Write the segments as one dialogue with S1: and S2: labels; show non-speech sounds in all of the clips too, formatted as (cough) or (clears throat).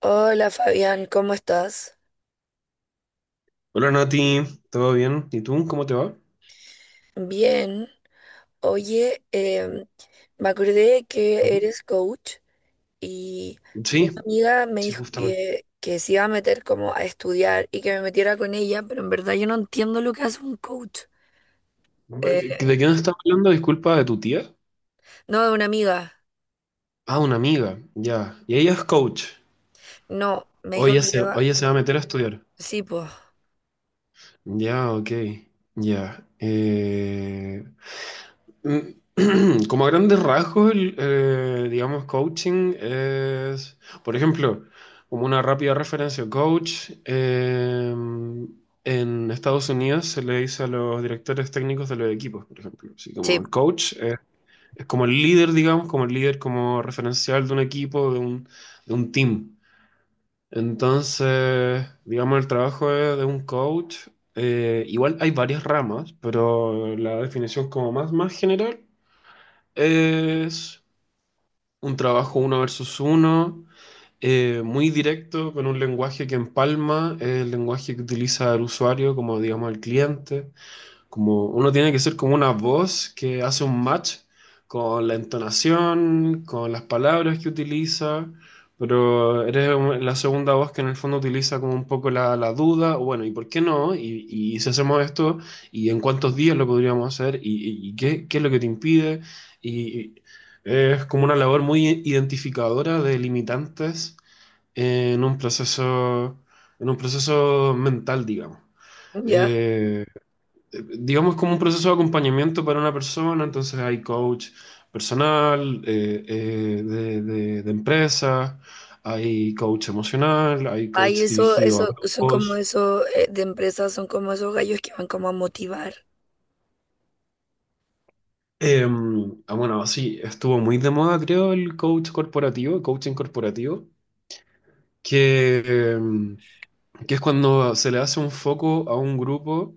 S1: Hola Fabián, ¿cómo estás?
S2: Hola Nati, ¿todo bien? ¿Y tú? ¿Cómo te va?
S1: Bien. Oye, me acordé que
S2: Ujú.
S1: eres coach y, y
S2: Sí,
S1: una amiga me
S2: sí,
S1: dijo
S2: justamente.
S1: que se iba a meter como a estudiar y que me metiera con ella, pero en verdad yo no entiendo lo que hace un coach. Eh,
S2: ¿De qué nos estás hablando? Disculpa, ¿de tu tía?
S1: no, una amiga.
S2: Ah, una amiga, ya. Y ella es coach.
S1: No, me
S2: Hoy
S1: dijo
S2: ella
S1: que
S2: se,
S1: se
S2: o
S1: va.
S2: ella se va a meter a estudiar.
S1: Sí, pues.
S2: Ya, ok, ya. Mm, (clears throat) como a grandes rasgos, digamos, coaching es, por ejemplo, como una rápida referencia, en Estados Unidos se le dice a los directores técnicos de los equipos, por ejemplo, así como
S1: Sí,
S2: el coach, es como el líder, digamos, como el líder como referencial de un equipo, de un team. Entonces, digamos, el trabajo de un coach, igual hay varias ramas, pero la definición como más, más general. Es un trabajo uno versus uno, muy directo, con un lenguaje que empalma, el lenguaje que utiliza el usuario como, digamos, el cliente. Como uno tiene que ser como una voz que hace un match con la entonación, con las palabras que utiliza, pero eres la segunda voz que en el fondo utiliza como un poco la duda, o bueno, ¿y por qué no? Y si hacemos esto, ¿y en cuántos días lo podríamos hacer? ¿Y qué es lo que te impide? Y es como una labor muy identificadora de limitantes en un proceso, en un proceso mental, digamos.
S1: ya.
S2: Eh, digamos, como un proceso de acompañamiento para una persona, entonces hay coach personal, de de empresa, hay coach emocional, hay
S1: Ay,
S2: coach
S1: eso,
S2: dirigido a
S1: eso, son como
S2: grupos.
S1: esos de empresas, son como esos gallos que van como a motivar.
S2: Eh, ah, bueno, sí, estuvo muy de moda, creo, el coach corporativo, el coaching corporativo, que, que es cuando se le hace un foco a un grupo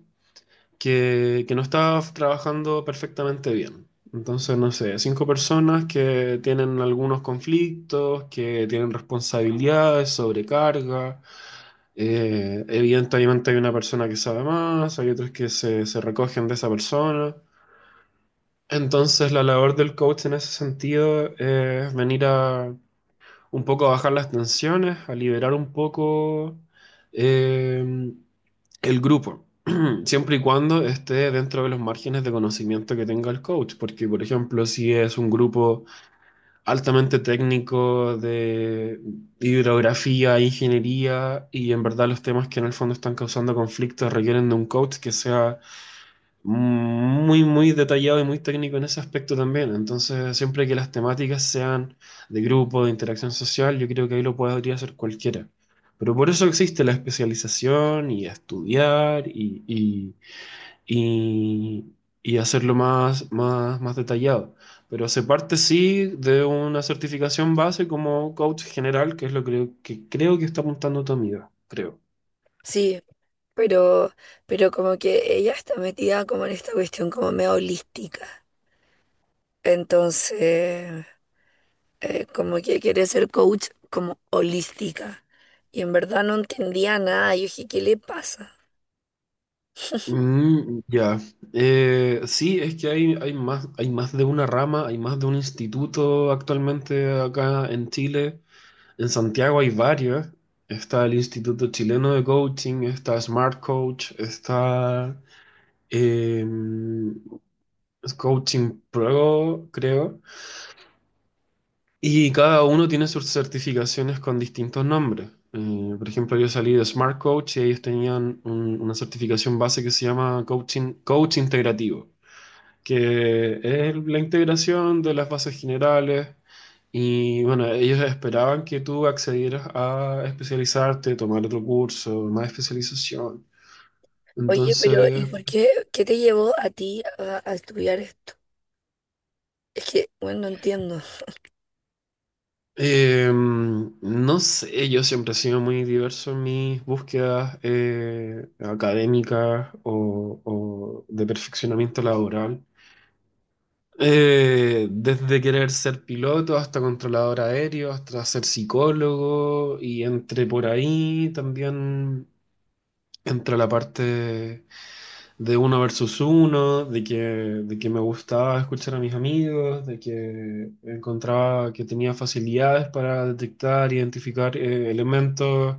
S2: que no está trabajando perfectamente bien. Entonces, no sé, cinco personas que tienen algunos conflictos, que tienen responsabilidades, sobrecarga. Evidentemente hay una persona que sabe más, hay otros que se recogen de esa persona. Entonces, la labor del coach en ese sentido es venir a un poco a bajar las tensiones, a liberar un poco eh, el grupo, (clears throat) siempre y cuando esté dentro de los márgenes de conocimiento que tenga el coach, porque por ejemplo, si es un grupo altamente técnico de hidrografía, ingeniería, y en verdad los temas que en el fondo están causando conflictos requieren de un coach que sea muy, muy detallado y muy técnico en ese aspecto también. Entonces, siempre que las temáticas sean de grupo, de interacción social, yo creo que ahí lo podría hacer cualquiera. Pero por eso existe la especialización y estudiar y, y, y- y hacerlo más, más, más detallado. Pero se parte sí de una certificación base como coach general, que es lo que creo que está apuntando tu amiga, creo.
S1: Sí. Pero, pero como que ella está metida como en esta cuestión como medio holística. Entonces, como que quiere ser coach como holística. Y en verdad no entendía nada. Yo dije, ¿qué le pasa?
S2: Mm, ya. Sí, es que hay más de una rama, hay más de un instituto actualmente acá en Chile. En Santiago hay varios. Está el Instituto Chileno de Coaching, está Smart Coach, está eh, Coaching Pro, creo. Y cada uno tiene sus certificaciones con distintos nombres. Por ejemplo, yo salí de Smart Coach y ellos tenían una certificación base que se llama Coaching, Coach Integrativo, que es la integración de las bases generales. Y bueno, ellos esperaban que tú accedieras a especializarte, tomar otro curso, más especialización.
S1: Oye, ¿pero y
S2: Entonces,
S1: por qué, qué te llevó a ti a estudiar esto? Es que, bueno, no entiendo. (laughs)
S2: no sé, yo siempre he sido muy diverso en mis búsquedas académicas o de perfeccionamiento laboral. Desde querer ser piloto hasta controlador aéreo, hasta ser psicólogo y entre por ahí también entra la parte de uno versus uno, de que me gustaba escuchar a mis amigos, de que encontraba que tenía facilidades para detectar, identificar elementos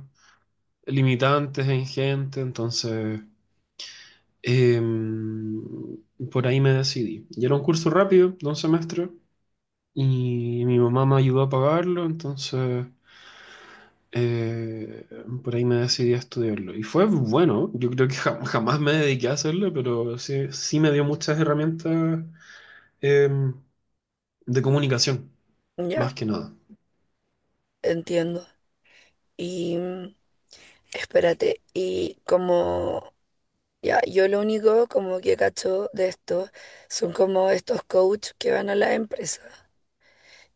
S2: limitantes en gente, entonces em, por ahí me decidí. Y era un curso rápido, de un semestre y mi mamá me ayudó a pagarlo, entonces eh, por ahí me decidí a estudiarlo. Y fue bueno, yo creo que (laughs) jamás me dediqué a hacerlo, pero sí, sí me dio muchas herramientas em, de comunicación,
S1: Ya,
S2: más que nada.
S1: entiendo. Y mm, espérate, y como ya, yo lo único como que cacho de esto son como estos coaches que van a la empresa.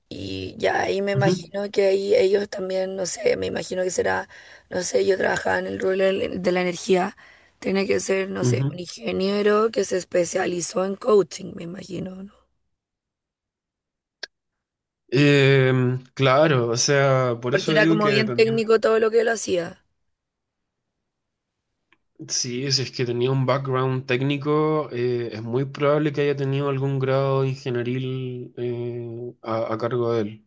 S1: Y ya ahí me
S2: Ujú,
S1: imagino que ahí ellos también, no sé, me imagino que será, no sé, yo trabajaba en el rubro del- de la energía, tiene que ser, no sé,
S2: ujú.
S1: un ingeniero que se especializó en coaching, me imagino, ¿no?
S2: Claro, o sea, por
S1: Porque
S2: eso
S1: era
S2: digo
S1: como
S2: que
S1: bien
S2: dependiendo,
S1: técnico todo lo que él hacía.
S2: sí, si es que tenía un background técnico, es muy probable que haya tenido algún grado ingenieril eh, a cargo de él.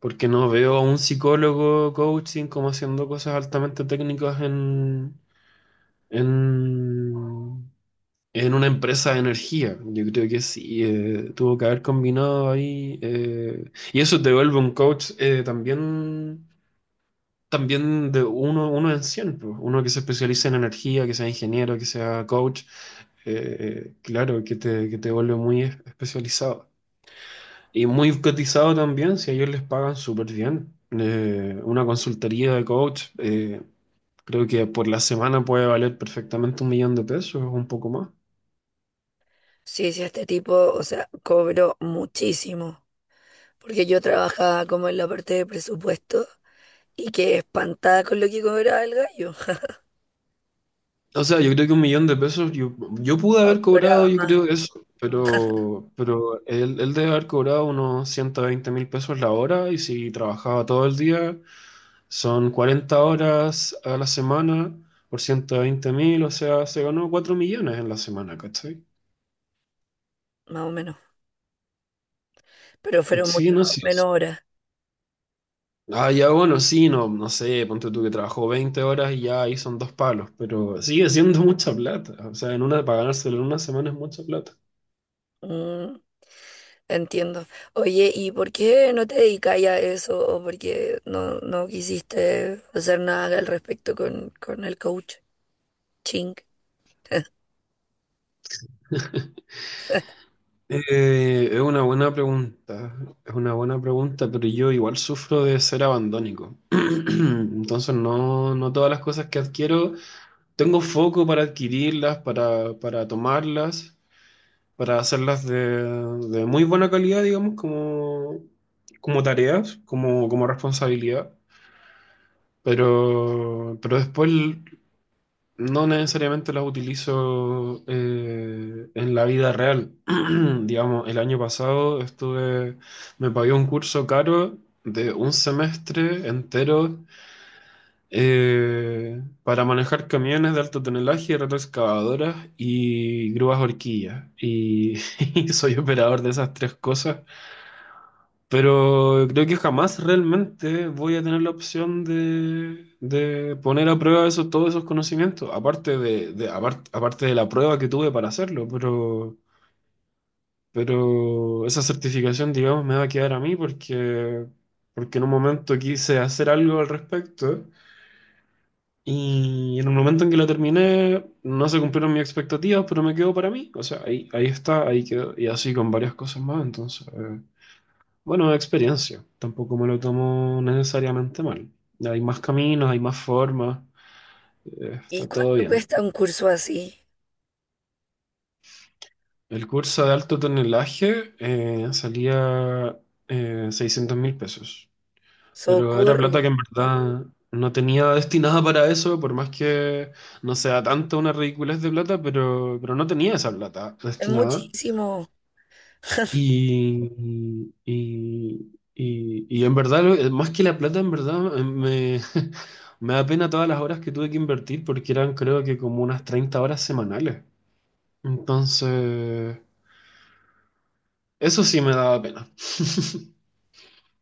S2: Porque no veo a un psicólogo coaching como haciendo cosas altamente técnicas en, en una empresa de energía. Yo creo que sí, tuvo que haber combinado ahí. Y eso te vuelve un coach también de uno en cien, pues. Uno que se especialice en energía, que sea ingeniero, que sea coach. Claro, que te vuelve muy especializado. Y muy cotizado también, si a ellos les pagan súper bien. Una consultoría de coach, creo que por la semana puede valer perfectamente 1 millón de pesos o un poco más.
S1: Sí, sí, este tipo, o sea, cobró muchísimo, porque yo trabajaba como en la parte de presupuesto. Y quedé espantada con lo que cobraba el gallo.
S2: O sea, yo creo que 1 millón de pesos, yo, yo pude
S1: No,
S2: haber cobrado,
S1: cobraba
S2: yo
S1: más,
S2: creo eso, pero él debe haber cobrado unos 120.000 pesos la hora y si trabajaba todo el día, son 40 horas a la semana por 120.000, o sea, se ganó 4 millones en la semana, ¿cachai?
S1: más o menos. Pero fueron
S2: Sí,
S1: mucho
S2: no sé.
S1: menos horas.
S2: Ah, ya bueno, sí, no, no sé, ponte tú que trabajó 20 horas y ya ahí son dos palos, pero sigue siendo mucha plata. O sea, en una, para ganárselo en una semana es mucha plata.
S1: Mm, entiendo. Oye, ¿y por qué no te dedicas a eso? ¿O por qué no, no quisiste hacer nada al respecto con el coach? Ching. (laughs)
S2: Es una buena pregunta, es una buena pregunta, pero yo igual sufro de ser abandónico. (clears throat) Entonces no, no todas las cosas que adquiero, tengo foco para adquirirlas, para tomarlas, para hacerlas de muy buena calidad, digamos, como, como tareas, como, como responsabilidad. Pero después no necesariamente las utilizo en la vida real. (clears throat) Digamos, el año pasado estuve, me pagué un curso caro de un semestre entero para manejar camiones de alto tonelaje, retroexcavadoras y grúas horquillas. Y, (laughs) y soy operador de esas tres cosas pero creo que jamás realmente voy a tener la opción de poner a prueba eso, todos esos conocimientos, aparte de aparte de la prueba que tuve para hacerlo, pero esa certificación, digamos, me va a quedar a mí porque en un momento quise hacer algo al respecto y en un momento en que la terminé no se cumplieron mis expectativas, pero me quedó para mí, o sea, ahí, ahí está, ahí quedó, y así con varias cosas más, entonces... bueno, experiencia. Tampoco me lo tomo necesariamente mal. Hay más caminos, hay más formas.
S1: ¿Y
S2: Está todo
S1: cuánto
S2: bien.
S1: cuesta un curso así?
S2: El curso de alto tonelaje salía 600 mil pesos. Pero era
S1: Socorro.
S2: plata que en verdad no tenía destinada para eso, por más que no sea tanta una ridiculez de plata, pero no tenía esa plata
S1: Es
S2: destinada.
S1: muchísimo. (laughs)
S2: Y, y en verdad, más que la plata, en verdad, me, (laughs) me da pena todas las horas que tuve que invertir porque eran creo que como unas 30 horas semanales. Entonces, eso sí me daba pena. (laughs)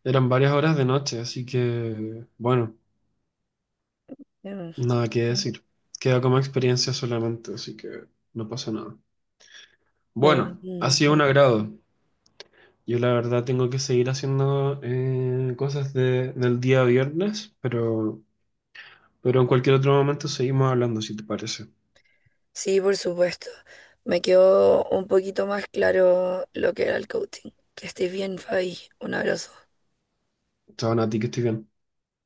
S2: Eran varias horas de noche, así que, bueno, nada que decir. Queda como experiencia solamente, así que no pasa nada.
S1: Mm,
S2: Bueno, ha
S1: mm,
S2: sido un agrado. Yo la verdad tengo que seguir haciendo cosas del día viernes, pero en cualquier otro momento seguimos hablando, si te parece.
S1: sí, por supuesto. Me quedó un poquito más claro lo que era el coaching. Que estés bien, Fabi. Un abrazo.
S2: Chao, Nati, que estoy bien.